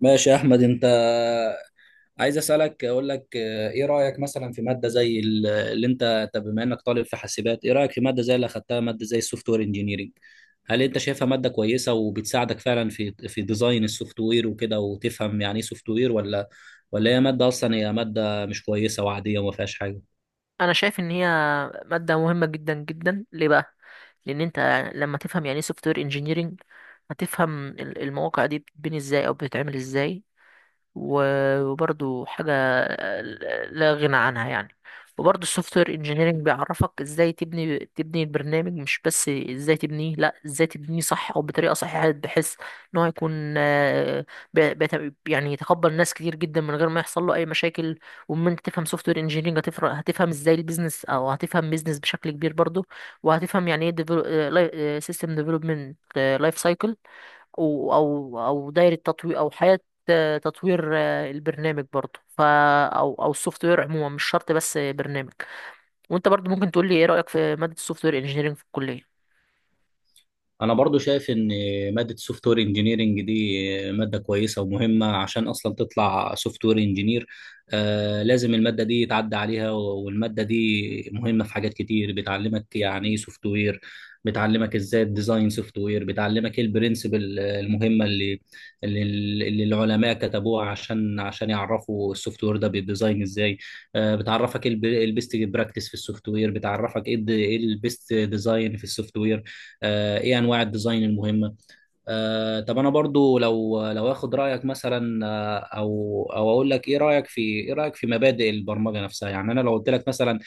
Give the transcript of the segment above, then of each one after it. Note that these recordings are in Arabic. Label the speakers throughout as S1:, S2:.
S1: ماشي يا احمد. انت عايز اسالك، اقول لك ايه رايك مثلا في ماده زي ال- اللي انت طب بما انك طالب في حاسبات، ايه رايك في ماده زي اللي اخدتها، ماده زي السوفت وير انجينيرنج؟ هل انت شايفها ماده كويسه وبتساعدك فعلا في ديزاين السوفت وير وكده، وتفهم يعني ايه سوفت وير؟ ولا هي ماده اصلا، هي ماده مش كويسه وعاديه وما فيهاش حاجه؟
S2: انا شايف ان هي ماده مهمه جدا جدا ليه بقى؟ لان انت لما تفهم يعني ايه سوفت وير انجينيرنج هتفهم المواقع دي بتتبني ازاي او بتتعمل ازاي؟ وبرضو حاجة لا غنى عنها يعني. وبرضو السوفت وير انجينيرنج بيعرفك ازاي تبني البرنامج، مش بس ازاي تبنيه، لا ازاي تبنيه صح او بطريقة صحيحة، بحيث ان هو يكون آه، يعني يتقبل ناس كتير جدا من غير ما يحصل له اي مشاكل. ومن انت تفهم سوفت وير انجينيرنج هتفرق، هتفهم ازاي البيزنس او هتفهم بيزنس بشكل كبير برضو. وهتفهم يعني ايه سيستم ديفلوبمنت لايف سايكل، او دايره تطوير او حياه تطوير البرنامج برضه، ف او السوفت وير عموما، مش شرط بس برنامج. وانت برضه ممكن تقول لي ايه رايك في ماده السوفت وير انجينيرنج في الكليه؟
S1: انا برضو شايف ان ماده سوفت وير انجينيرنج دي ماده كويسه ومهمه، عشان اصلا تطلع سوفت وير انجينير آه لازم الماده دي يتعدى عليها. والماده دي مهمه في حاجات كتير، بتعلمك يعني ايه سوفت وير، بتعلمك ازاي الديزاين سوفت وير، بتعلمك ايه البرنسبل المهمه اللي اللي العلماء كتبوها عشان يعرفوا السوفت وير ده بيديزاين ازاي. بتعرفك ايه البيست براكتس في السوفت وير، بتعرفك ايه البيست ديزاين في السوفت وير، ايه انواع الديزاين المهمه. طب انا برضو لو اخد رايك مثلا، آه، او او اقول لك ايه رايك في مبادئ البرمجه نفسها. يعني انا لو قلت لك مثلا،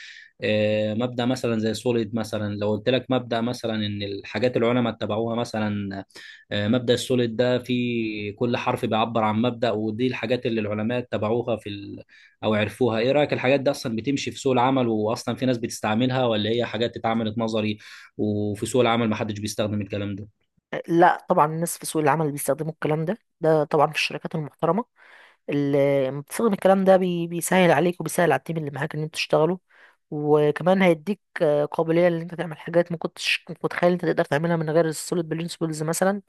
S1: مبدا مثلا زي سوليد مثلا، لو قلت لك مبدا مثلا ان الحاجات العلماء اتبعوها مثلا، مبدأ السوليد ده في كل حرف بيعبر عن مبدأ، ودي الحاجات اللي العلماء اتبعوها في ال... او عرفوها. ايه رأيك، الحاجات دي اصلا بتمشي في سوق العمل واصلا في ناس بتستعملها، ولا هي حاجات اتعملت نظري وفي سوق العمل محدش بيستخدم الكلام ده؟
S2: لا طبعا الناس في سوق العمل بيستخدموا الكلام ده، ده طبعا في الشركات المحترمة. لما تستخدم الكلام ده بيسهل عليك وبيسهل على التيم اللي معاك ان انتوا تشتغلوا. وكمان هيديك قابلية ان انت تعمل حاجات ما كنتش كنت متخيل انت تقدر تعملها من غير السوليد برينسيبلز مثلا.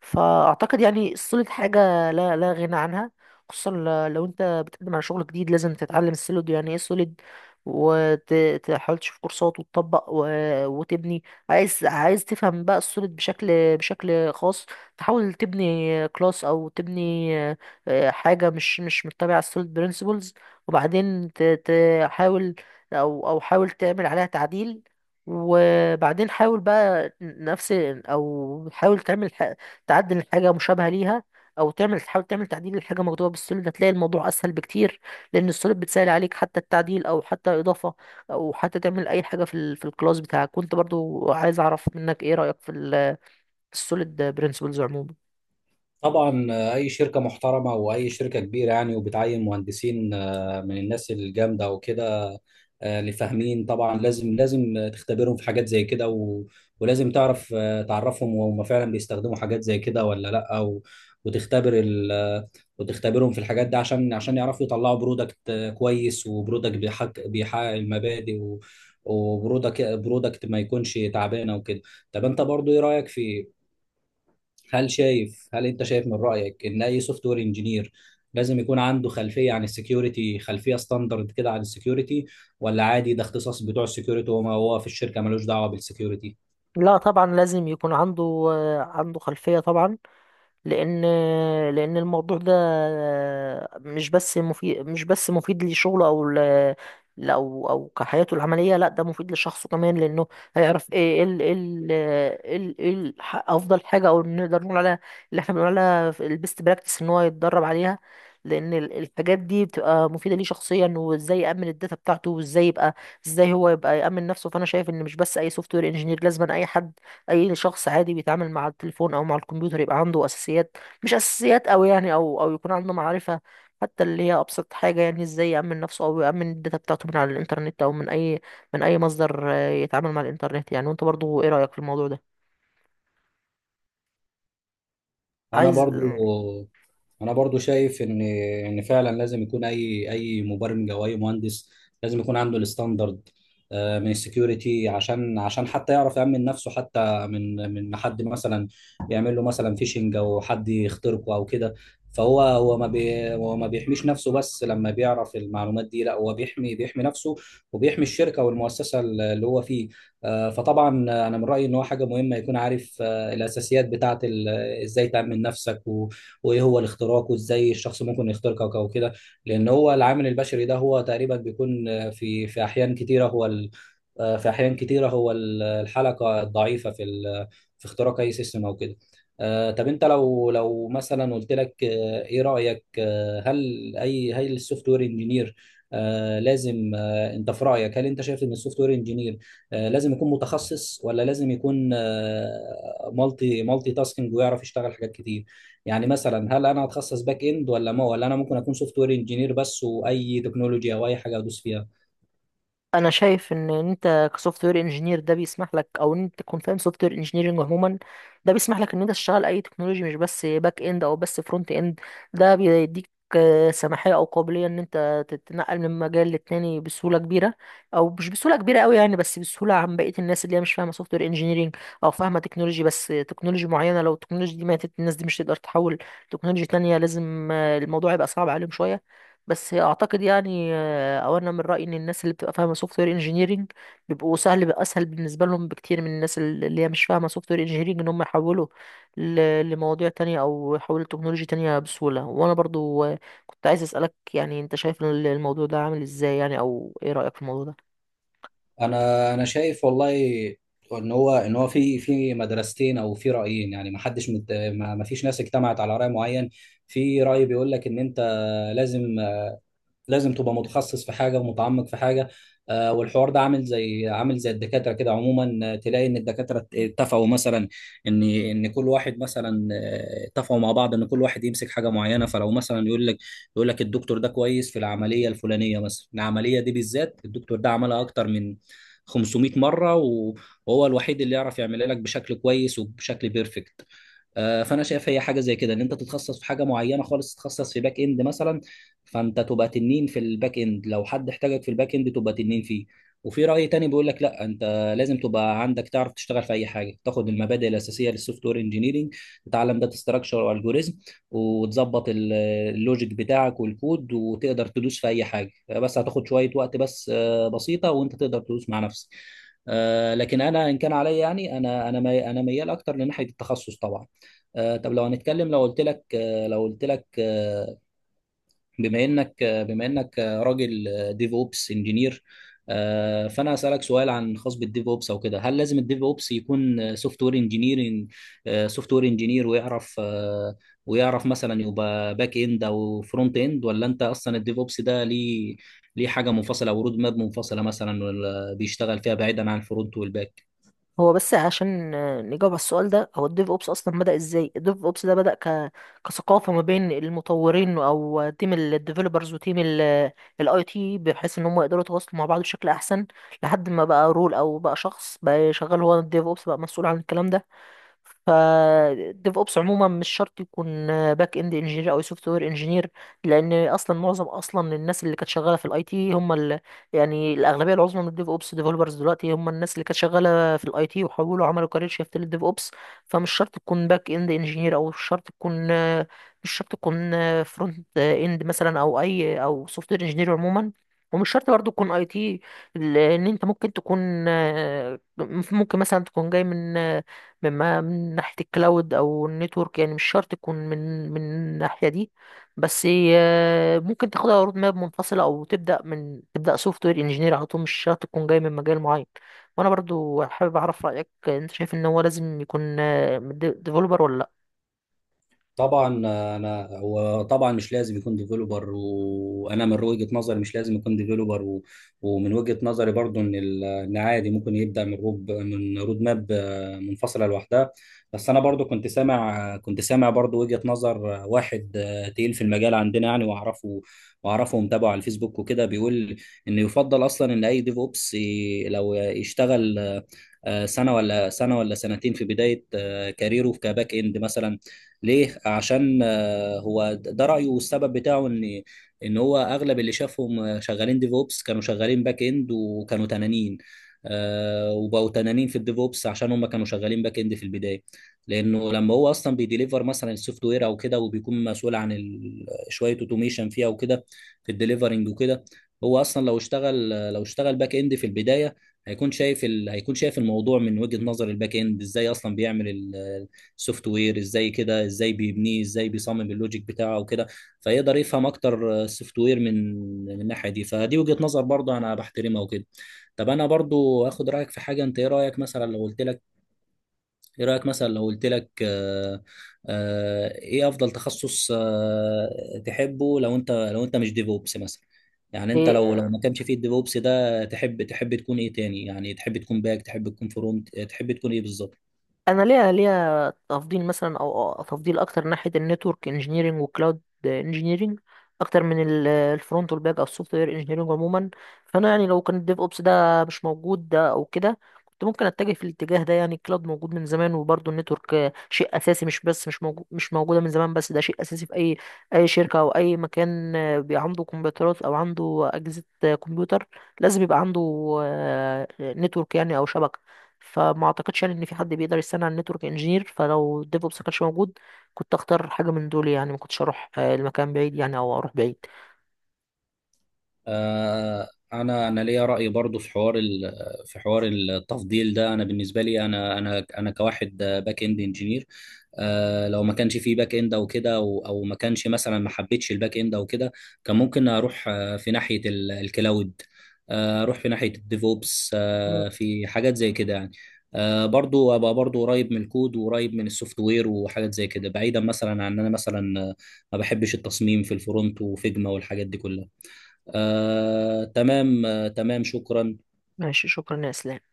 S2: فاعتقد يعني السوليد حاجة لا غنى عنها، خصوصا لو انت بتقدم على شغل جديد لازم تتعلم السوليد، يعني ايه سوليد، وتحاول تشوف كورسات وتطبق وتبني. عايز تفهم بقى السوليد بشكل، بشكل خاص، تحاول تبني كلاس او تبني حاجة مش متبعة على السوليد برينسيبلز، وبعدين تحاول أو حاول تعمل عليها تعديل، وبعدين حاول بقى نفس، أو حاول تعمل ح- تعدل حاجة مشابهة ليها، أو تعمل تحاول تعمل تعديل لحاجة مكتوبة بالسوليد، هتلاقي الموضوع أسهل بكتير. لأن السوليد بتسهل عليك حتى التعديل أو حتى إضافة أو حتى تعمل أي حاجة في في الكلاس بتاعك. كنت برضو عايز أعرف منك إيه رأيك في في السوليد برينسيبلز عموما؟
S1: طبعا، اي شركه محترمه واي شركه كبيره يعني وبتعين مهندسين، من الناس الجامده وكده، اللي فاهمين، طبعا لازم تختبرهم في حاجات زي كده، ولازم تعرف، تعرفهم وهم فعلا بيستخدموا حاجات زي كده ولا لا، و... وتختبر ال... آه، وتختبرهم في الحاجات دي عشان يعرفوا يطلعوا برودكت كويس، وبرودكت بيحقق المبادئ، وبرودكت ما يكونش تعبانه وكده. طب انت برضو ايه رايك في، هل انت شايف من رأيك ان اي سوفت وير انجينير لازم يكون عنده خلفية عن السكيورتي، خلفية ستاندرد كده عن السكيورتي؟ ولا عادي ده اختصاص بتوع السكيورتي، وما هو في الشركة ملوش دعوة بالسكيورتي؟
S2: لا طبعا لازم يكون عنده عنده خلفية طبعا. لأن لأن الموضوع ده مش بس مفيد لشغله أو كحياته العملية، لا ده مفيد لشخصه كمان. لأنه هيعرف إيه إيه ال إيه ال إيه ال إيه ال أفضل حاجة أو نقدر نقول عليها، اللي إحنا بنقول عليها البيست براكتس، إن هو يتدرب عليها. لأن الحاجات دي بتبقى مفيدة ليه شخصيا، وإزاي يأمن الداتا بتاعته، وإزاي يبقى، إزاي هو يبقى يأمن نفسه. فأنا شايف إن مش بس أي سوفت وير إنجينير لازم، أي حد، اي شخص عادي بيتعامل مع التليفون او مع الكمبيوتر يبقى عنده اساسيات، مش اساسيات أوي يعني، او يكون عنده معرفة حتى اللي هي ابسط حاجة، يعني ازاي يأمن نفسه او يأمن الداتا بتاعته من على الانترنت او من اي، من اي مصدر يتعامل مع الانترنت يعني. وانت برضو ايه رأيك في الموضوع ده؟
S1: انا
S2: عايز.
S1: برضو انا برضو شايف ان فعلا لازم يكون اي مبرمج او اي مهندس، لازم يكون عنده الستاندرد من السكيورتي، عشان حتى يعرف يأمن نفسه، حتى من حد مثلا يعمل له مثلا فيشنج، او حد يخترقه او كده. فهو هو ما بيحميش نفسه بس، لما بيعرف المعلومات دي لا هو بيحمي نفسه وبيحمي الشركة والمؤسسة اللي هو فيه. فطبعا انا من رأيي ان هو حاجة مهمة يكون عارف، الاساسيات بتاعة ال ازاي تأمن نفسك، وايه هو الاختراق، وازاي الشخص ممكن يخترقك او كده. لان هو العامل البشري ده هو تقريبا بيكون في احيان كتيره هو في احيان كتيره هو الحلقه الضعيفه في في اختراق اي سيستم او كده. طب انت لو مثلا قلت لك، ايه رايك، هل السوفت وير انجينير لازم، انت في رايك هل انت شايف ان السوفت وير انجينير لازم يكون متخصص، ولا لازم يكون مالتي تاسكينج ويعرف يشتغل حاجات كتير؟ يعني مثلا هل انا هتخصص باك اند، ولا ما ولا انا ممكن اكون سوفت وير انجينير بس واي تكنولوجيا او اي حاجه ادوس فيها؟
S2: انا شايف ان انت كسوفت وير انجينير، ده بيسمح لك او ان انت تكون فاهم سوفت وير انجينيرنج عموما، ده بيسمح لك ان انت تشتغل اي تكنولوجي، مش بس باك اند او بس فرونت اند. ده بيديك سماحيه او قابليه ان انت تتنقل من مجال للتاني بسهوله كبيره، او مش بسهوله كبيره قوي يعني، بس بسهوله عن بقيه الناس اللي هي مش فاهمه سوفت وير انجينيرنج، او فاهمه تكنولوجي بس تكنولوجي معينه. لو التكنولوجي دي ماتت الناس دي مش تقدر تحول تكنولوجي تانية، لازم الموضوع يبقى صعب عليهم شويه. بس اعتقد يعني، او انا من رايي ان الناس اللي بتبقى فاهمه سوفت وير انجينيرنج بيبقوا سهل، بيبقى اسهل بالنسبه لهم بكتير من الناس اللي هي مش فاهمه سوفت وير انجينيرنج، ان هم يحولوا لمواضيع تانية او يحولوا لتكنولوجيا تانية بسهوله. وانا برضو كنت عايز اسالك، يعني انت شايف الموضوع ده عامل ازاي يعني، او ايه رايك في الموضوع ده؟
S1: انا شايف والله ان هو في مدرستين او في رايين يعني، ما حدش مت... ما ما فيش ناس اجتمعت على راي معين. في راي بيقول لك ان انت لازم لازم تبقى متخصص في حاجه ومتعمق في حاجه. والحوار ده عامل زي، الدكاتره كده عموما، تلاقي ان الدكاتره اتفقوا مثلا ان كل واحد مثلا، اتفقوا مع بعض ان كل واحد يمسك حاجه معينه. فلو مثلا يقول لك الدكتور ده كويس في العمليه الفلانيه مثلا، العمليه دي بالذات الدكتور ده عملها اكتر من 500 مره وهو الوحيد اللي يعرف يعملها لك بشكل كويس وبشكل بيرفكت. فانا شايف هي حاجه زي كده، ان انت تتخصص في حاجه معينه خالص، تتخصص في باك اند مثلا، فانت تبقى تنين في الباك اند، لو حد احتاجك في الباك اند تبقى تنين فيه. وفي راي تاني بيقول لك لا، انت لازم تبقى عندك تعرف تشتغل في اي حاجه، تاخد المبادئ الاساسيه للسوفت وير انجينيرنج، تتعلم داتا ستراكشر والجوريزم، وتظبط اللوجيك بتاعك والكود، وتقدر تدوس في اي حاجه، بس هتاخد شويه وقت بس، بسيطه، وانت تقدر تدوس مع نفسك. لكن انا ان كان عليا يعني، انا ميال اكتر لناحيه التخصص طبعا. طب لو هنتكلم، لو قلت لك آه، لو قلت لك آه، بما انك آه، بما انك راجل ديف اوبس انجينير، فانا اسالك سؤال خاص بالديف اوبس او كده. هل لازم الديف اوبس يكون سوفت وير سوفت وير انجينير ويعرف، ويعرف مثلا يبقى باك اند او فرونت اند؟ ولا انت اصلا الديف اوبس ده ليه، ليه حاجه منفصله او رود ماب منفصله مثلا، ولا بيشتغل فيها بعيدا عن الفرونت والباك؟
S2: هو بس عشان نجاوب على السؤال ده، هو الديف اوبس اصلا بدأ ازاي؟ الديف اوبس ده بدأ كثقافة ما بين المطورين او تيم الديفلوبرز وتيم الاي تي، بحيث ان هم يقدروا يتواصلوا مع بعض بشكل احسن، لحد ما بقى رول او بقى شخص بقى شغال هو الديف اوبس بقى مسؤول عن الكلام ده. فالديف اوبس عموما مش شرط يكون باك اند انجينير او سوفت وير انجينير، لان اصلا معظم اصلا الناس اللي كانت شغاله في الاي تي هم يعني الاغلبيه العظمى من الديف اوبس ديفلوبرز دلوقتي هم الناس اللي كانت شغاله في الاي تي وحولوا، عملوا كارير شيفت للديف اوبس. فمش شرط تكون باك اند انجينير، او مش شرط تكون فرونت اند مثلا، او اي او سوفت وير انجينير عموما. ومش شرط برضه تكون اي تي، لان انت ممكن تكون، ممكن مثلا تكون جاي من، من ناحية الكلاود أو النتورك يعني، مش شرط تكون من الناحية دي. بس ممكن تاخدها رود ماب منفصلة أو تبدأ سوفت وير انجينير على طول، مش شرط تكون جاي من مجال معين. وأنا برضو حابب أعرف رأيك، أنت شايف إن هو لازم يكون ديفلوبر ولا لأ؟
S1: طبعا انا، هو طبعا مش لازم يكون ديفلوبر. وانا من وجهة نظري مش لازم يكون ديفلوبر، ومن وجهة نظري برضو ان ان عادي ممكن يبدا من روب من رود ماب منفصله لوحدها. بس انا برضو كنت سامع برضو وجهة نظر واحد تقيل في المجال عندنا يعني، واعرفه ومتابعه على الفيسبوك وكده، بيقول ان يفضل اصلا ان اي ديف اوبس لو يشتغل سنه ولا سنه ولا سنتين في بدايه كاريره كباك اند مثلا. ليه؟ عشان هو ده رأيه، والسبب بتاعه ان هو اغلب اللي شافهم شغالين ديفوبس كانوا شغالين باك اند، وكانوا تنانين وبقوا تنانين في الديفوبس عشان هم كانوا شغالين باك اند في البداية. لانه لما هو اصلا بيديليفر مثلا السوفت وير او كده، وبيكون مسؤول عن شوية اوتوميشن فيها وكده في الديليفرنج وكده، هو اصلا لو اشتغل باك اند في البداية هيكون شايف هيكون شايف الموضوع من وجهة نظر الباك اند، ازاي اصلا بيعمل سوفت وير، ازاي كده ازاي بيبنيه، ازاي بيصمم اللوجيك بتاعه وكده، فيقدر يفهم اكتر السوفت وير من الناحيه دي. فدي وجهه نظر برضه انا بحترمها وكده. طب انا برضه اخد رايك في حاجه انت. ايه رايك مثلا لو قلت لك، ايه رايك مثلا لو قلت لك آه آه ايه افضل تخصص آه تحبه، لو انت مش ديفوبس مثلا؟ يعني انت لو ما
S2: إيه،
S1: كانش فيه الديفوبس ده، تحب تكون ايه تاني؟ يعني تحب تكون باك، تحب تكون فرونت، تحب تكون ايه بالظبط؟
S2: انا ليا تفضيل مثلا او تفضيل اكتر ناحيه النتورك انجينيرنج والكلاود انجينيرنج، اكتر من الفرونت والباك او السوفت وير انجينيرنج عموما. فانا يعني لو كان الديف اوبس ده مش موجود ده او كده، كنت ممكن اتجه في الاتجاه ده يعني. الكلاود موجود من زمان، وبرضه النتورك شيء اساسي، مش بس مش موجوده من زمان، بس ده شيء اساسي في اي، اي شركه او اي مكان عنده كمبيوترات او عنده اجهزه كمبيوتر، لازم يبقى عنده نتورك يعني او شبكه. فما اعتقدش يعني ان في حد بيقدر يستنى على النتورك انجينير، فلو الديفوبس ما كانش موجود كنت اختار حاجه من دول يعني، ما كنتش اروح المكان بعيد يعني او اروح بعيد.
S1: آه، انا ليا راي برضو في حوار التفضيل ده. انا بالنسبه لي، انا كواحد باك اند انجينير، لو ما كانش في باك اند او كده، او ما كانش مثلا، ما حبيتش الباك اند او كده، كان ممكن اروح في ناحيه الكلاود، اروح في ناحيه الديفوبس،
S2: مم.
S1: في حاجات زي كده يعني. برضو ابقى برضو قريب من الكود وقريب من السوفت وير وحاجات زي كده، بعيدا مثلا عن ان انا مثلا، ما بحبش التصميم في الفرونت وفيجما والحاجات دي كلها. تمام شكرا.
S2: ماشي، شكرا يا اسلام.